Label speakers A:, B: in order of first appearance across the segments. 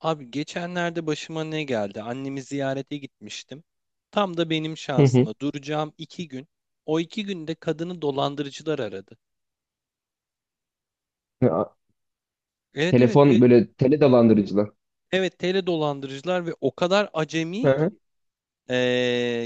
A: Abi geçenlerde başıma ne geldi? Annemi ziyarete gitmiştim. Tam da benim
B: Hı hı.
A: şansıma duracağım 2 gün. O 2 günde kadını dolandırıcılar aradı.
B: Ya,
A: Evet evet
B: telefon
A: ve
B: böyle tele dolandırıcılar.
A: evet tele dolandırıcılar ve o kadar acemi
B: Hı
A: ki.
B: hı.
A: Ee,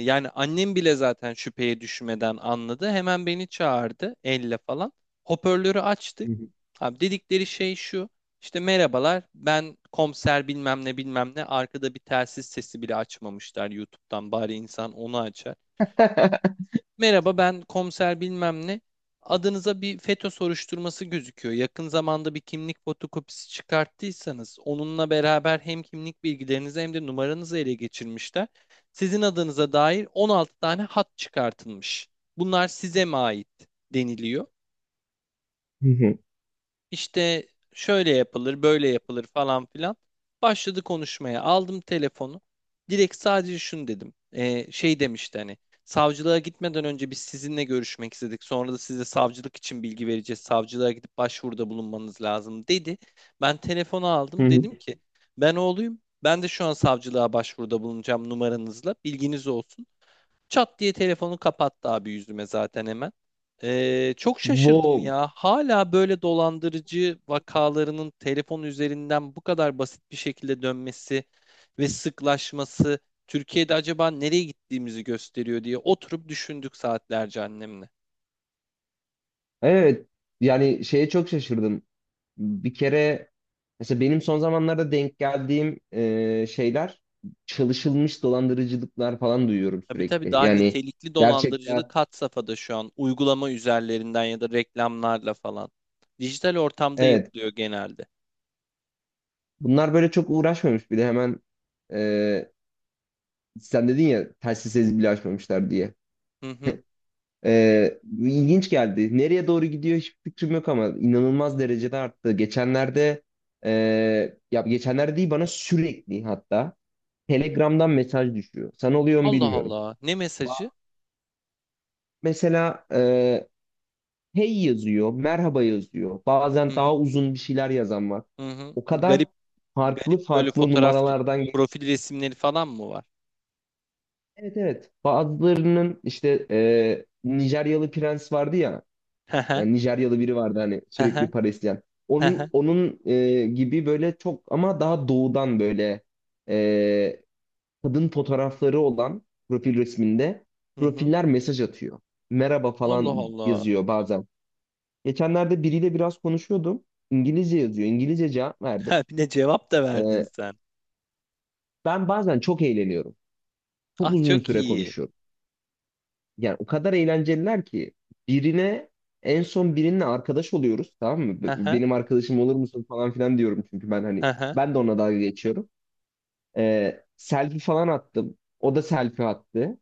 A: yani annem bile zaten şüpheye düşmeden anladı. Hemen beni çağırdı elle falan. Hoparlörü
B: Hı
A: açtık.
B: hı.
A: Abi dedikleri şey şu. İşte merhabalar ben komiser bilmem ne bilmem ne arkada bir telsiz sesi bile açmamışlar YouTube'dan bari insan onu açar. Merhaba ben komiser bilmem ne. Adınıza bir FETÖ soruşturması gözüküyor. Yakın zamanda bir kimlik fotokopisi çıkarttıysanız onunla beraber hem kimlik bilgilerinizi hem de numaranızı ele geçirmişler. Sizin adınıza dair 16 tane hat çıkartılmış. Bunlar size mi ait deniliyor.
B: Hı hı.
A: İşte şöyle yapılır, böyle yapılır falan filan. Başladı konuşmaya. Aldım telefonu. Direkt sadece şunu dedim. Şey demişti hani. Savcılığa gitmeden önce biz sizinle görüşmek istedik. Sonra da size savcılık için bilgi vereceğiz. Savcılığa gidip başvuruda bulunmanız lazım dedi. Ben telefonu
B: Hı
A: aldım.
B: hı.
A: Dedim ki ben oğluyum. Ben de şu an savcılığa başvuruda bulunacağım numaranızla. Bilginiz olsun. Çat diye telefonu kapattı abi yüzüme zaten hemen. Çok şaşırdım
B: Wow.
A: ya. Hala böyle dolandırıcı vakalarının telefon üzerinden bu kadar basit bir şekilde dönmesi ve sıklaşması Türkiye'de acaba nereye gittiğimizi gösteriyor diye oturup düşündük saatlerce annemle.
B: Evet. Yani şeye çok şaşırdım. Bir kere mesela benim son zamanlarda denk geldiğim şeyler çalışılmış dolandırıcılıklar falan duyuyorum
A: Tabii tabii
B: sürekli.
A: daha
B: Yani
A: nitelikli
B: gerçekten
A: dolandırıcılık had safhada şu an uygulama üzerlerinden ya da reklamlarla falan. Dijital ortamda
B: evet.
A: yapılıyor genelde.
B: Bunlar böyle çok uğraşmamış bir de hemen e, sen dedin ya telsiz bile açmamışlar diye.
A: Hı hı.
B: İlginç geldi. Nereye doğru gidiyor hiçbir fikrim yok ama inanılmaz derecede arttı. Geçenlerde ya geçenlerde değil, bana sürekli hatta Telegram'dan mesaj düşüyor. Sana oluyor mu
A: Allah
B: bilmiyorum.
A: Allah. Ne
B: Ba-
A: mesajı?
B: Mesela hey yazıyor, merhaba yazıyor.
A: Hı
B: Bazen
A: hı.
B: daha uzun bir şeyler yazan var.
A: Hı hı.
B: O kadar
A: Garip
B: farklı
A: Garip böyle
B: farklı
A: fotoğraf
B: numaralardan gelip.
A: profil resimleri falan mı var?
B: Evet evet. Bazılarının işte Nijeryalı prens vardı ya.
A: Hı hı,
B: Yani Nijeryalı biri vardı hani
A: hı
B: sürekli
A: hı,
B: para isteyen.
A: hı
B: Onun
A: hı,
B: onun gibi böyle çok ama daha doğudan böyle, e, kadın fotoğrafları olan profil resminde
A: hı hı.
B: profiller mesaj atıyor. Merhaba
A: Allah
B: falan
A: Allah.
B: yazıyor bazen. Geçenlerde biriyle biraz konuşuyordum. İngilizce yazıyor, İngilizce cevap verdim.
A: Ha, bir de cevap da verdin
B: E,
A: sen.
B: Ben bazen çok eğleniyorum. Çok
A: Ah
B: uzun
A: çok
B: süre
A: iyi.
B: konuşuyorum. Yani o kadar eğlenceliler ki birine, en son birinle arkadaş oluyoruz, tamam mı?
A: Hı hı,
B: Benim arkadaşım olur musun falan filan diyorum çünkü ben
A: hı
B: hani
A: hı.
B: ben de ona dalga geçiyorum. Selfie falan attım, o da selfie attı.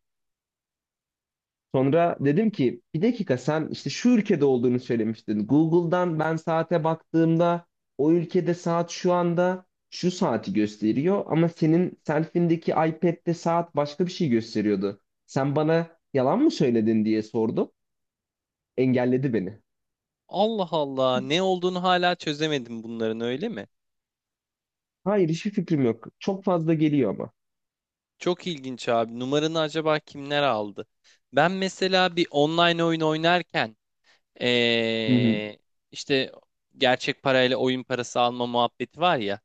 B: Sonra dedim ki bir dakika, sen işte şu ülkede olduğunu söylemiştin. Google'dan ben saate baktığımda o ülkede saat şu anda şu saati gösteriyor ama senin selfindeki iPad'de saat başka bir şey gösteriyordu. Sen bana yalan mı söyledin diye sordum. Engelledi beni.
A: Allah Allah. Ne olduğunu hala çözemedim bunların öyle mi?
B: Hayır, hiçbir fikrim yok. Çok fazla geliyor ama.
A: Çok ilginç abi. Numaranı acaba kimler aldı? Ben mesela bir online oyun oynarken
B: Hı hı.
A: ee, işte gerçek parayla oyun parası alma muhabbeti var ya.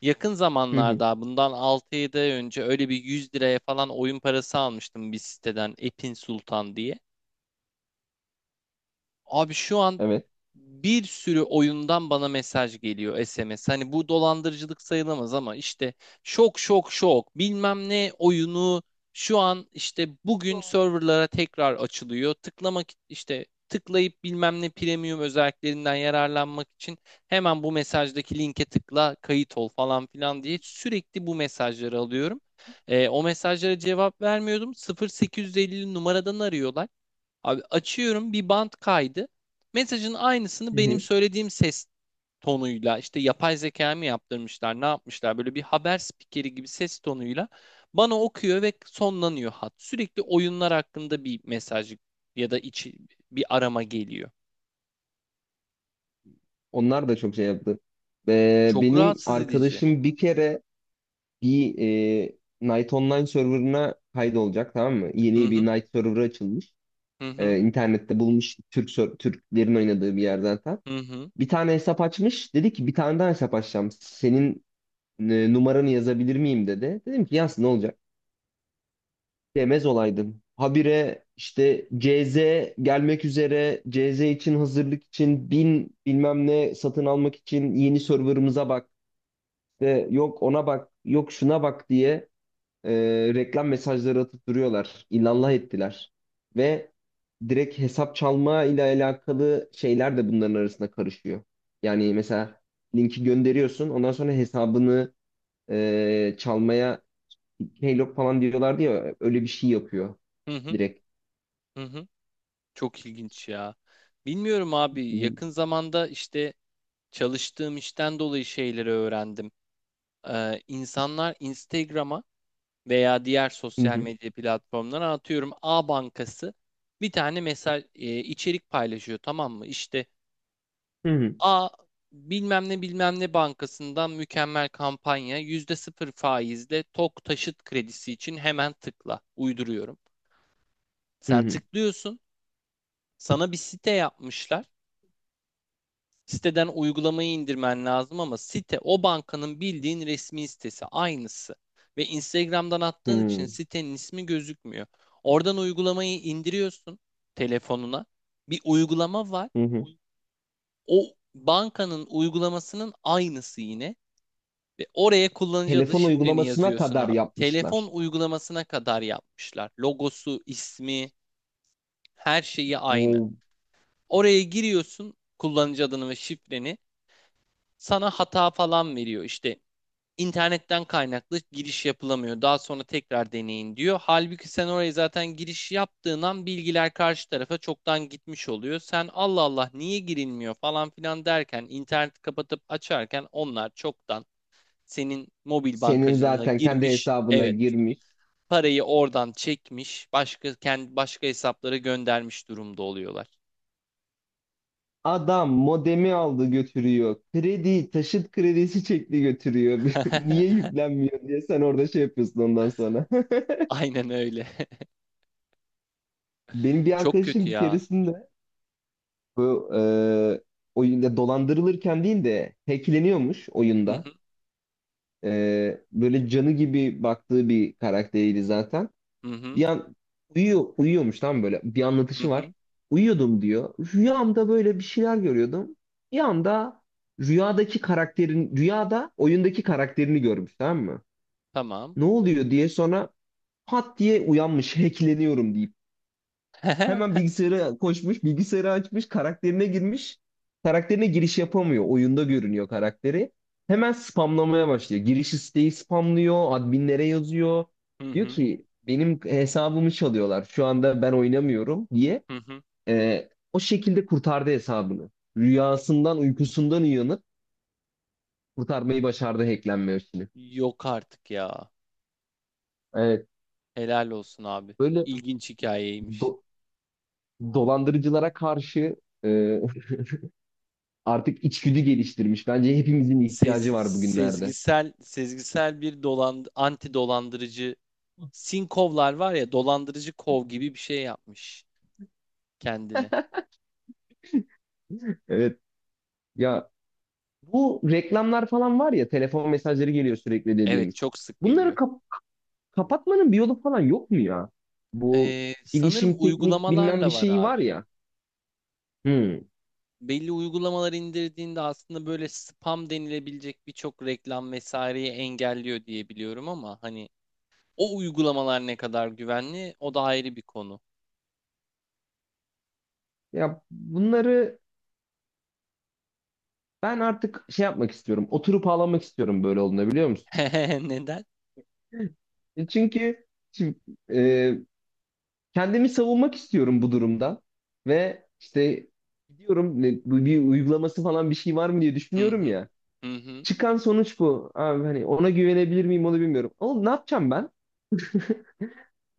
A: Yakın
B: Hı hı.
A: zamanlarda bundan 6-7 ay önce öyle bir 100 liraya falan oyun parası almıştım bir siteden Epin Sultan diye. Abi şu an
B: Evet.
A: bir sürü oyundan bana mesaj geliyor SMS. Hani bu dolandırıcılık sayılamaz ama işte şok şok şok bilmem ne oyunu şu an işte bugün serverlara tekrar açılıyor. Tıklamak işte tıklayıp bilmem ne premium özelliklerinden yararlanmak için hemen bu mesajdaki linke tıkla kayıt ol falan filan diye sürekli bu mesajları alıyorum. O mesajlara cevap vermiyordum. 0850 numaradan arıyorlar. Abi açıyorum bir bant kaydı. Mesajın aynısını
B: Hı
A: benim
B: hı.
A: söylediğim ses tonuyla işte yapay zeka mı yaptırmışlar ne yapmışlar böyle bir haber spikeri gibi ses tonuyla bana okuyor ve sonlanıyor hat. Sürekli oyunlar hakkında bir mesaj ya da içi bir arama geliyor.
B: Onlar da çok şey yaptı.
A: Çok
B: Benim
A: rahatsız edici.
B: arkadaşım bir kere bir Night Online serverına kaydolacak, tamam mı?
A: Hı
B: Yeni bir
A: hı,
B: Night server açılmış.
A: hı hı,
B: İnternette bulmuş, Türklerin oynadığı bir yerden tam.
A: hı hı,
B: Bir tane hesap açmış. Dedi ki bir tane daha hesap açacağım. Senin numaranı yazabilir miyim dedi. Dedim ki yaz, ne olacak? Demez olaydın. Habire işte CZ gelmek üzere, CZ için hazırlık için bin bilmem ne satın almak için yeni serverımıza bak. İşte yok ona bak, yok şuna bak diye e, reklam mesajları atıp duruyorlar. İllallah ettiler. Ve direkt hesap çalma ile alakalı şeyler de bunların arasında karışıyor. Yani mesela linki gönderiyorsun, ondan sonra hesabını çalmaya, Keylog falan diyorlardı ya öyle bir şey yapıyor
A: hı hı.
B: direkt.
A: Hı hı. Çok ilginç ya. Bilmiyorum abi
B: Hı
A: yakın zamanda işte çalıştığım işten dolayı şeyleri öğrendim. İnsanlar Instagram'a veya diğer sosyal
B: hı.
A: medya platformlarına atıyorum A Bankası bir tane mesaj içerik paylaşıyor tamam mı? İşte
B: Hı hı.
A: A bilmem ne bilmem ne bankasından mükemmel kampanya yüzde sıfır faizle TOK taşıt kredisi için hemen tıkla uyduruyorum.
B: Hı
A: Sen
B: hı.
A: tıklıyorsun sana bir site yapmışlar. Siteden uygulamayı indirmen lazım ama site o bankanın bildiğin resmi sitesi aynısı. Ve Instagram'dan attığın için sitenin ismi gözükmüyor. Oradan uygulamayı indiriyorsun telefonuna. Bir uygulama var.
B: Hı hı.
A: O bankanın uygulamasının aynısı yine. Ve oraya kullanıcı adı
B: Telefon
A: şifreni
B: uygulamasına
A: yazıyorsun
B: kadar
A: abi. Telefon
B: yapmışlar.
A: uygulamasına kadar yapmışlar. Logosu, ismi, her şeyi aynı.
B: Wow.
A: Oraya giriyorsun kullanıcı adını ve şifreni. Sana hata falan veriyor. İşte İnternetten kaynaklı giriş yapılamıyor. Daha sonra tekrar deneyin diyor. Halbuki sen oraya zaten giriş yaptığın an bilgiler karşı tarafa çoktan gitmiş oluyor. Sen Allah Allah niye girilmiyor falan filan derken interneti kapatıp açarken onlar çoktan senin mobil
B: Senin
A: bankacılığına
B: zaten kendi
A: girmiş.
B: hesabına
A: Evet.
B: girmiş.
A: Parayı oradan çekmiş, başka kendi başka hesaplara göndermiş durumda oluyorlar.
B: Adam modemi aldı götürüyor. Kredi, taşıt kredisi çekti götürüyor. Niye yüklenmiyor diye sen orada şey yapıyorsun ondan sonra.
A: Aynen öyle.
B: Benim bir
A: Çok kötü
B: arkadaşım bir
A: ya.
B: keresinde bu oyunda dolandırılırken değil de hackleniyormuş
A: Hı
B: oyunda.
A: hı,
B: Böyle canı gibi baktığı bir karakteriydi zaten.
A: hı hı,
B: Bir an uyuyormuş tam, böyle bir
A: hı.
B: anlatışı var.
A: Hı.
B: Uyuyordum diyor. Rüyamda böyle bir şeyler görüyordum. Bir anda rüyada oyundaki karakterini görmüş, tamam mı?
A: Tamam.
B: Ne oluyor diye sonra pat diye uyanmış, hackleniyorum deyip. Hemen
A: Hı
B: bilgisayara koşmuş, bilgisayarı açmış, karakterine girmiş. Karakterine giriş yapamıyor, oyunda görünüyor karakteri. Hemen spamlamaya başlıyor, giriş isteği spamlıyor, adminlere yazıyor. Diyor
A: hı,
B: ki benim hesabımı çalıyorlar, şu anda ben oynamıyorum diye.
A: hı hı.
B: O şekilde kurtardı hesabını. Rüyasından, uykusundan uyanıp kurtarmayı başardı hacklenme işini.
A: Yok artık ya.
B: Evet,
A: Helal olsun abi.
B: böyle
A: İlginç hikayeymiş.
B: do- dolandırıcılara karşı e, artık içgüdü geliştirmiş. Bence hepimizin
A: Sez-
B: ihtiyacı var bugünlerde.
A: sezgisel bir anti dolandırıcı sinkovlar var ya dolandırıcı kov gibi bir şey yapmış kendine.
B: Evet ya, bu reklamlar falan var ya, telefon mesajları geliyor sürekli
A: Evet
B: dediğimiz.
A: çok sık
B: Bunları
A: geliyor.
B: kapatmanın bir yolu falan yok mu ya? Bu
A: Sanırım
B: bilişim teknik bilmem bir
A: uygulamalarla var
B: şeyi var
A: abi.
B: ya. Hmm.
A: Belli uygulamalar indirdiğinde aslında böyle spam denilebilecek birçok reklam vesaireyi engelliyor diye biliyorum ama hani o uygulamalar ne kadar güvenli o da ayrı bir konu.
B: Ya bunları ben artık şey yapmak istiyorum. Oturup ağlamak istiyorum böyle olduğunda, biliyor musun?
A: Neden?
B: E çünkü şimdi, e, kendimi savunmak istiyorum bu durumda ve işte gidiyorum, bu bir uygulaması falan bir şey var mı diye
A: Hı
B: düşünüyorum
A: hı.
B: ya.
A: Hı hı.
B: Çıkan sonuç bu. Abi hani ona güvenebilir miyim onu bilmiyorum. Oğlum, ne yapacağım ben?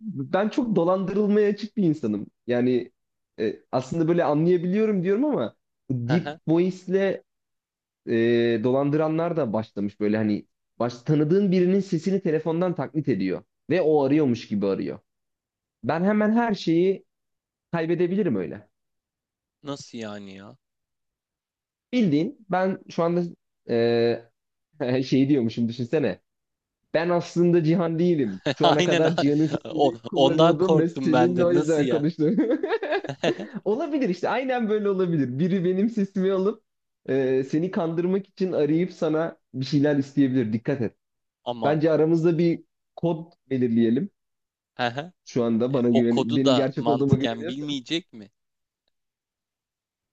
B: Ben çok dolandırılmaya açık bir insanım. Yani aslında böyle anlayabiliyorum diyorum ama bu
A: Hı
B: Deep
A: hı.
B: Voice'le dolandıranlar da başlamış, böyle hani tanıdığın birinin sesini telefondan taklit ediyor ve o arıyormuş gibi arıyor. Ben hemen her şeyi kaybedebilirim öyle.
A: Nasıl yani ya?
B: Bildiğin ben şu anda şeyi diyormuşum, düşünsene. Ben aslında Cihan değilim. Şu ana
A: Aynen.
B: kadar Cihan'ın
A: O,
B: sesini
A: ondan
B: kullanıyordum ve
A: korktum ben
B: seninle
A: de.
B: o
A: Nasıl
B: yüzden
A: ya?
B: konuştum. Olabilir, işte aynen böyle olabilir. Biri benim sesimi alıp seni kandırmak için arayıp sana bir şeyler isteyebilir. Dikkat et.
A: Aman.
B: Bence aramızda bir kod belirleyelim.
A: Hı hı.
B: Şu anda bana
A: O
B: güven,
A: kodu
B: benim
A: da
B: gerçek olduğuma
A: mantıken
B: güveniyorsan.
A: bilmeyecek mi?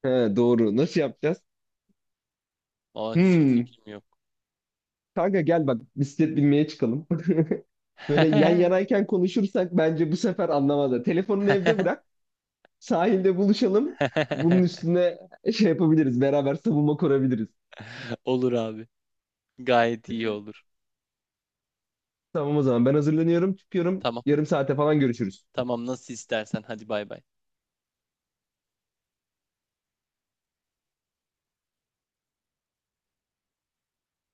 B: He, doğru. Nasıl yapacağız?
A: Aa, hiçbir
B: Hmm.
A: fikrim yok.
B: Kanka gel bak, bisiklet binmeye çıkalım. Böyle yan yanayken konuşursak bence bu sefer anlamazlar. Telefonunu evde bırak. Sahilde buluşalım. Bunun üstüne şey yapabiliriz, beraber savunma kurabiliriz.
A: Olur abi. Gayet iyi olur.
B: Tamam o zaman, ben hazırlanıyorum, çıkıyorum.
A: Tamam.
B: Yarım saate falan görüşürüz.
A: Tamam nasıl istersen. Hadi bay bay.